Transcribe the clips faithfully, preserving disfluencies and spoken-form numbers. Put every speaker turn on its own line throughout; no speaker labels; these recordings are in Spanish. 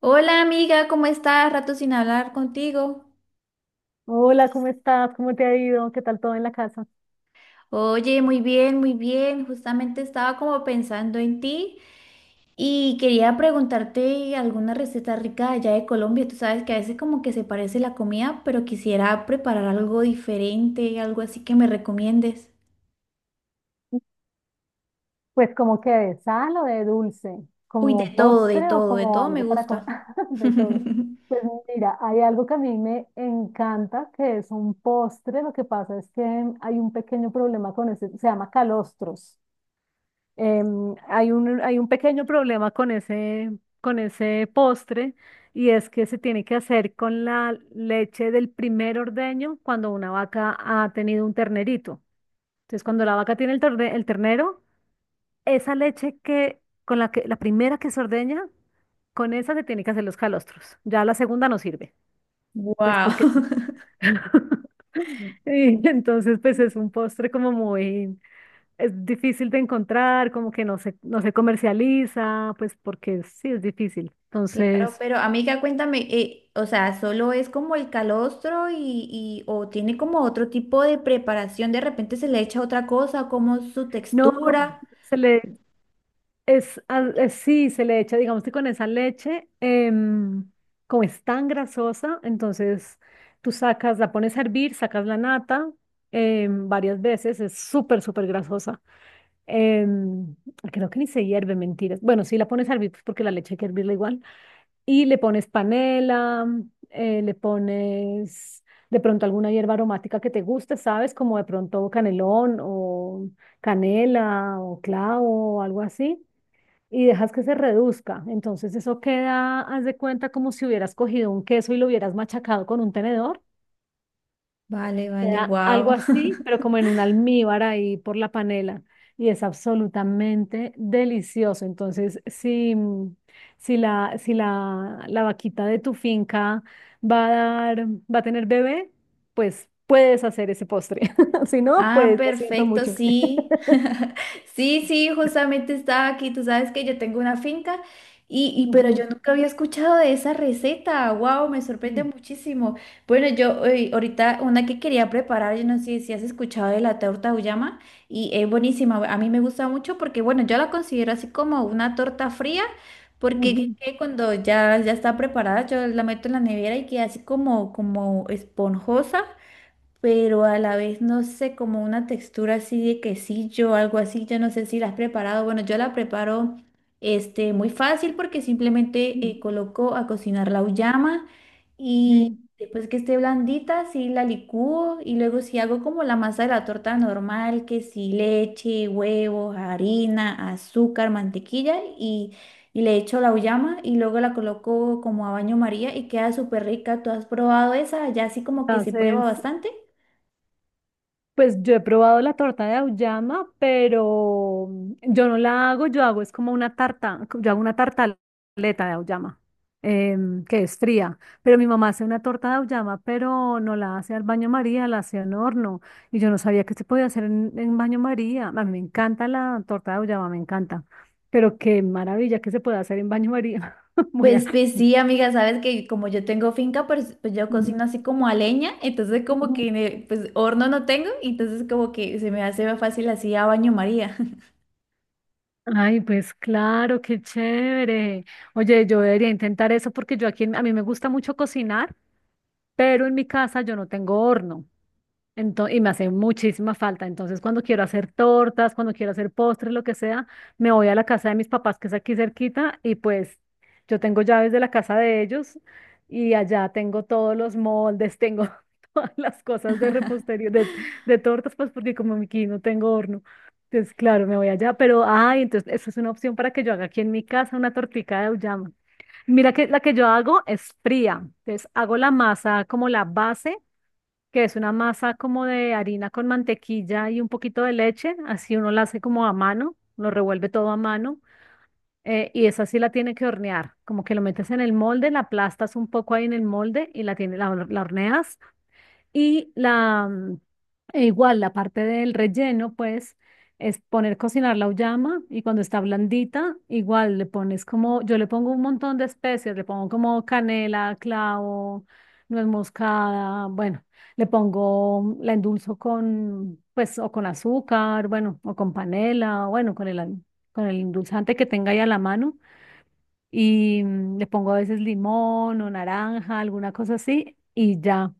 Hola amiga, ¿cómo estás? Rato sin hablar contigo.
Hola, ¿cómo estás? ¿Cómo te ha ido? ¿Qué tal todo en la casa?
Oye, muy bien, muy bien. Justamente estaba como pensando en ti y quería preguntarte alguna receta rica de allá de Colombia. Tú sabes que a veces como que se parece la comida, pero quisiera preparar algo diferente, algo así que me recomiendes.
Pues como que de sal o de dulce,
Uy, de
como
todo, de
postre o
todo, de
como
todo me
algo para comer,
gusta.
de todo. Pues mira, hay algo que a mí me encanta, que es un postre. Lo que pasa es que hay un pequeño problema con ese, se llama calostros. Em, hay un, hay un pequeño problema con ese, con ese postre y es que se tiene que hacer con la leche del primer ordeño cuando una vaca ha tenido un ternerito. Entonces, cuando la vaca tiene el, torde- el ternero, esa leche que, con la que, la primera que se ordeña, con esa se tiene que hacer los calostros. Ya la segunda no sirve, pues
Wow.
porque es- y entonces, pues es un postre como muy, es difícil de encontrar, como que no se, no se comercializa, pues porque sí es difícil.
Claro,
Entonces,
pero amiga, cuéntame, eh, o sea, ¿solo es como el calostro y, y- o tiene como otro tipo de preparación? De repente se le echa otra cosa, como su
no,
textura.
se le, Es, ah, eh, sí, se le echa, digamos que con esa leche, em, como es tan grasosa, entonces tú sacas, la pones a hervir, sacas la nata em, varias veces, es súper, súper grasosa. Em, creo que ni se hierve, mentiras. Bueno, sí, la pones a hervir pues, porque la leche hay que hervirla igual. Y le pones panela, eh, le pones de pronto alguna hierba aromática que te guste, ¿sabes? Como de pronto canelón o canela o clavo o algo así y dejas que se reduzca. Entonces eso queda, haz de cuenta, como si hubieras cogido un queso y lo hubieras machacado con un tenedor.
Vale, vale,
Queda algo
wow.
así, pero como en un almíbar ahí por la panela. Y es absolutamente delicioso. Entonces, si, mm, si la, si la, la vaquita de tu finca va a dar, va a tener bebé, pues puedes hacer ese postre. Si no,
Ah,
pues lo siento
perfecto,
mucho.
sí. Sí, sí, justamente estaba aquí. Tú sabes que yo tengo una finca y, y pero yo
Ujú,
nunca había escuchado de esa receta. Wow, me sorprende
ujú,
muchísimo. Bueno, yo eh, ahorita una que quería preparar, yo no sé si has escuchado de la torta auyama y es buenísima. A mí me gusta mucho porque, bueno, yo la considero así como una torta fría. Porque que-
ujú,
que cuando ya, ya está preparada, yo la meto en la nevera y queda así como, como esponjosa, pero a la vez no sé, como una textura así de quesillo, algo así, yo no sé si la has preparado. Bueno, yo la preparo este, muy fácil porque simplemente
ujú.
eh, coloco a cocinar la uyama y
Sí.
después que esté blandita, sí la licúo y luego si hago como la masa de la torta normal, que sí leche, huevos, harina, azúcar, mantequilla y… Y le echo la uyama y luego la coloco como a baño María y queda súper rica. ¿Tú has probado esa? Ya así como que se prueba
Entonces,
bastante.
pues yo he probado la torta de auyama, pero yo no la hago, yo hago es como una tarta, yo hago una tartaleta de auyama, em, que es fría, pero mi mamá hace una torta de auyama, pero no la hace al baño María, la hace en horno, y yo no sabía que se podía hacer en, en baño María. A mí me encanta la torta de auyama, me encanta, pero qué maravilla que se puede hacer en baño María. Muy a-
Pues, pues sí, amiga, sabes que como yo tengo finca, pues, pues yo cocino así como a leña, entonces como
Ujú.
que ne- pues horno no tengo, entonces como que se me hace más fácil así a baño María.
Ay, pues claro, qué chévere. Oye, yo debería intentar eso porque yo aquí, en- a mí me gusta mucho cocinar, pero en mi casa yo no tengo horno. Ento- y me hace muchísima falta. Entonces, cuando quiero hacer tortas, cuando quiero hacer postres, lo que sea, me voy a la casa de mis papás, que es aquí cerquita, y pues yo tengo llaves de la casa de ellos y allá tengo todos los moldes, tengo todas las cosas de repostería, de, de tortas, pues porque como aquí no tengo horno. Entonces, claro, me voy allá, pero, ay, entonces, eso es una opción para que yo haga aquí en mi casa una tortica de auyama. Mira que la que yo hago es fría, entonces hago la masa como la base que es una masa como de harina con mantequilla y un poquito de leche, así uno la hace como a mano, lo revuelve todo a mano, eh, y esa sí la tiene que hornear, como que lo metes en el molde, la aplastas un poco ahí en el molde y la, tiene, la, la horneas y la, mm, e igual la parte del relleno, pues, es poner cocinar la uyama y cuando está blandita, igual le pones como, yo le pongo un montón de especias, le pongo como canela, clavo, nuez moscada, bueno, le pongo, la endulzo con, pues, o con azúcar, bueno, o con panela, o bueno, con el, al- con el endulzante que tenga ahí a la mano y mm, le pongo a veces limón o naranja, alguna cosa así, y ya.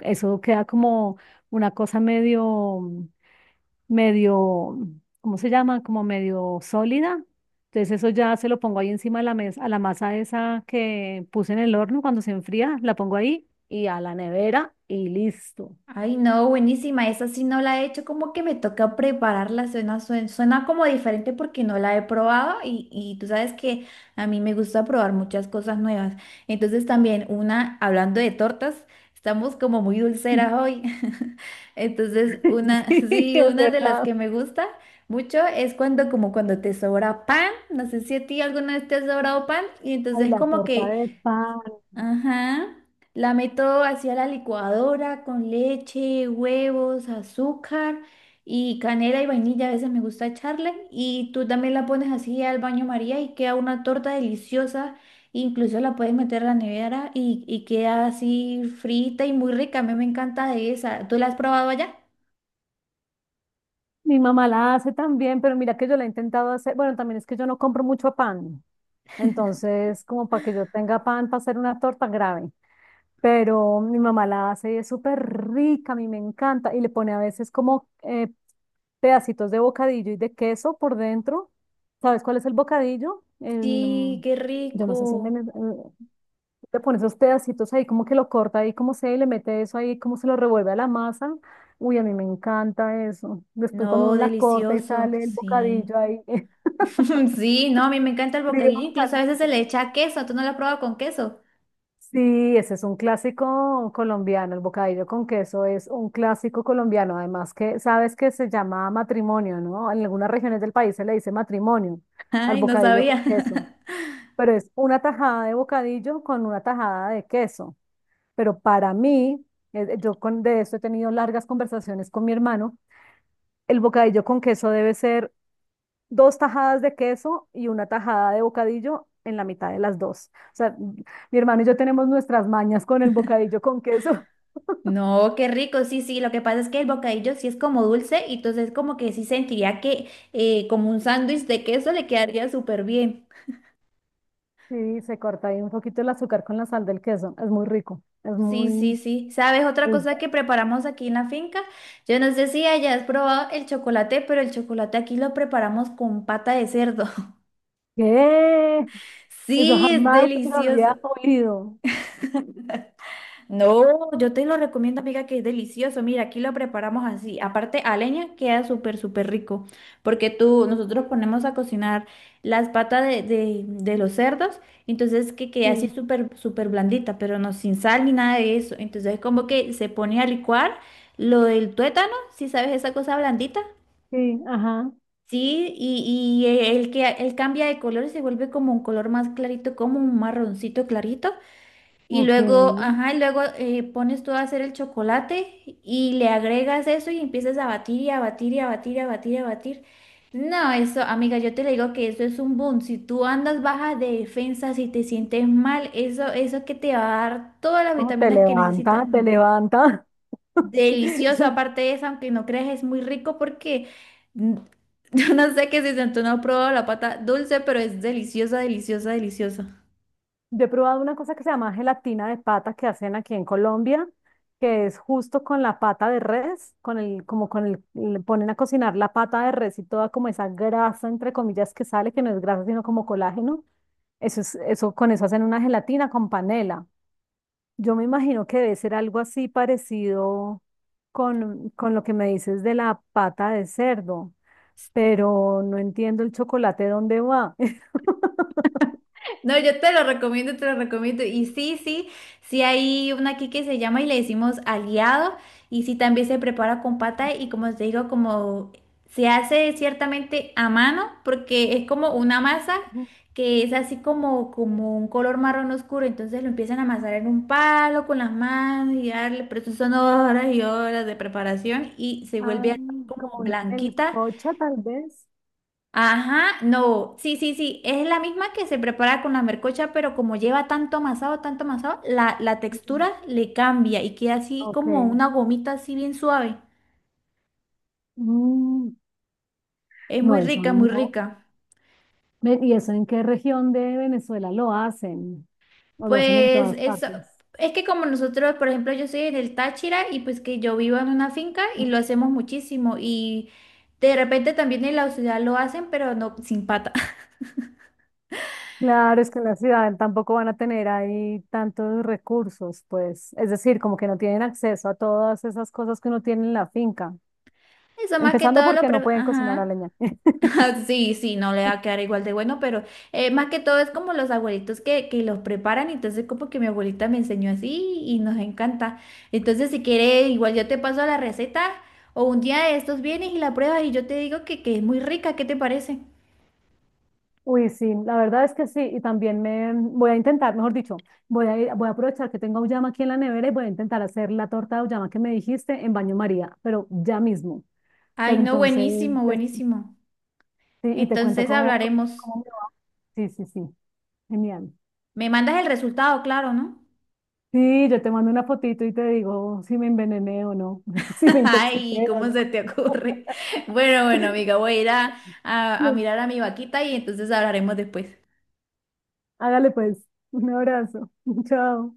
Eso queda como una cosa medio, medio, ¿cómo se llama? Como medio sólida. Entonces eso ya se lo pongo ahí encima de la mesa, a la masa esa que puse en el horno cuando se enfría, la pongo ahí y a la nevera y listo.
Ay, no, buenísima. Esa sí no la he hecho, como que me toca prepararla. Suena, suena, suena como diferente porque no la he probado y, y tú sabes que a mí me gusta probar muchas cosas nuevas. Entonces también una, hablando de tortas, estamos como muy dulceras hoy. Entonces una,
Sí,
sí,
es
una de las
verdad.
que me gusta mucho es cuando como cuando te sobra pan. No sé si a ti alguna vez te ha sobrado pan y
Ay,
entonces
la
como
torta
que…
de pan.
Ajá. La meto hacia la licuadora con leche, huevos, azúcar y canela y vainilla. A veces me gusta echarle. Y tú también la pones así al baño María y queda una torta deliciosa. Incluso la puedes meter a la nevera y, y queda así frita y muy rica. A mí me encanta de esa. ¿Tú la has probado allá?
Mi mamá la hace también, pero mira que yo la he intentado hacer. Bueno, también es que yo no compro mucho pan. Entonces, como para que yo tenga pan para hacer una torta grave. Pero mi mamá la hace y es súper rica, a mí me encanta, y le pone a veces como eh, pedacitos de bocadillo y de queso por dentro. ¿Sabes cuál es el bocadillo? El,
Sí,
mm,
qué
yo no sé si en
rico.
Venez- eh, le pone esos pedacitos ahí, como que lo corta ahí, como sea, y le mete eso ahí, como se lo revuelve a la masa. Uy, a mí me encanta eso. Después cuando
No,
uno la corta y
delicioso,
sale el
sí.
bocadillo ahí,
Sí, no, a mí me encanta el
frío,
bocadillo, incluso a veces se
caliente.
le echa queso, ¿tú no lo has probado con queso?
Sí, ese es un clásico colombiano, el bocadillo con queso es un clásico colombiano, además que sabes que se llama matrimonio, ¿no? En algunas regiones del país se le dice matrimonio al
Ay, no
bocadillo con
sabía.
queso, pero es una tajada de bocadillo con una tajada de queso. Pero para mí, eh, yo con, de esto he tenido largas conversaciones con mi hermano, el bocadillo con queso debe ser dos tajadas de queso y una tajada de bocadillo en la mitad de las dos. O sea, mi hermano y yo tenemos nuestras mañas con el bocadillo con queso.
No, qué rico, sí, sí. Lo que pasa es que el bocadillo sí es como dulce y entonces como que sí sentiría que eh, como un sándwich de queso le quedaría súper bien.
Sí, se corta ahí un poquito el azúcar con la sal del queso. Es muy rico. Es
Sí, sí,
muy...
sí. ¿Sabes otra
El...
cosa que preparamos aquí en la finca? Yo no sé si hayas probado el chocolate, pero el chocolate aquí lo preparamos con pata de cerdo.
¿Qué? Eso
Sí, es
jamás lo
delicioso.
había oído.
No, yo te lo recomiendo, amiga, que es delicioso. Mira, aquí lo preparamos así. Aparte, a leña queda súper, súper rico. Porque tú, nosotros ponemos a cocinar las patas de, de- de los cerdos, entonces que queda así
Sí,
súper, súper blandita, pero no sin sal ni nada de eso. Entonces, como que se pone a licuar lo del tuétano, si sabes esa cosa blandita.
sí, ajá.
Sí, y, y el que, él cambia de color y se vuelve como un color más clarito, como un marroncito clarito. Y
Ok.
luego,
No,
ajá, y luego eh, pones tú a hacer el chocolate y le agregas eso y empiezas a batir y a batir y a batir y a batir y a batir. No, eso, amiga, yo te le digo que eso es un boom. Si tú andas baja de defensa, si te sientes mal, eso, eso que te va a dar todas las
te
vitaminas que necesitas.
levanta, te
Mm,
levanta. Sí.
Delicioso, aparte de eso, aunque no creas, es muy rico porque mm, yo no sé qué si tú no has probado la pata dulce, pero es deliciosa, deliciosa, deliciosa.
Yo he probado una cosa que se llama gelatina de pata que hacen aquí en Colombia, que es justo con la pata de res, con el, como con el, le ponen a cocinar la pata de res y toda como esa grasa, entre comillas, que sale, que no es grasa, sino como colágeno. Eso es, eso, con eso hacen una gelatina con panela. Yo me imagino que debe ser algo así parecido con, con lo que me dices de la pata de cerdo, pero no entiendo el chocolate dónde va.
No, yo te lo recomiendo, te lo recomiendo. Y sí, sí, sí hay una aquí que se llama y le decimos aliado. Y sí también se prepara con pata y como te digo, como se hace ciertamente a mano porque es como una masa que es así como, como un color marrón oscuro. Entonces lo empiezan a amasar en un palo con las manos y darle, pero eso son horas y horas de preparación y se
Ah,
vuelve así como
como una
blanquita.
melcocha, tal vez.
Ajá, no, sí, sí, sí, es la misma que se prepara con la mercocha, pero como lleva tanto amasado, tanto amasado, la, la
Mm.
textura le cambia y queda así
Ok.
como una gomita así bien suave.
Mm,
Es
no,
muy
eso
rica, muy
no.
rica.
Ven, ¿y eso en qué región de Venezuela lo hacen? ¿O lo hacen en
Pues
todas
eso,
partes?
es que como nosotros, por ejemplo, yo soy en el Táchira y pues que yo vivo en una finca y
Mm,
lo hacemos muchísimo y de repente también en la ciudad lo hacen, pero no sin pata.
claro, es que en la ciudad tampoco van a tener ahí tantos recursos, pues, es decir, como que no tienen acceso a todas esas cosas que uno tiene en la finca,
Eso más que
empezando
todo lo
porque no
pre…
pueden cocinar a
Ajá.
leña.
Ah, sí, sí, no le va a quedar igual de bueno, pero eh, más que todo es como los abuelitos que, que los preparan, entonces como que mi abuelita me enseñó así y nos encanta. Entonces si quiere, igual yo te paso la receta o un día de estos vienes y la pruebas y yo te digo que, que es muy rica, ¿qué te parece?
Uy, sí, la verdad es que sí, y también me voy a intentar, mejor dicho, voy a, ir- voy a aprovechar que tengo auyama aquí en la nevera y voy a intentar hacer la torta de auyama que me dijiste en baño María, pero ya mismo.
Ay,
Pero
no,
entonces,
buenísimo,
des-
buenísimo.
sí, y te cuento
Entonces
cómo, cómo,
hablaremos.
cómo me va. Sí, sí, sí, genial.
Me mandas el resultado, claro, ¿no?
Sí, yo te mando una fotito y te digo si me envenené o no, si me
Ay,
intoxiqué o
¿cómo se
no.
te ocurre? Bueno, bueno, amiga, voy a ir a, a a
Bueno,
mirar a mi vaquita y entonces hablaremos después.
hágale pues, un abrazo, chao.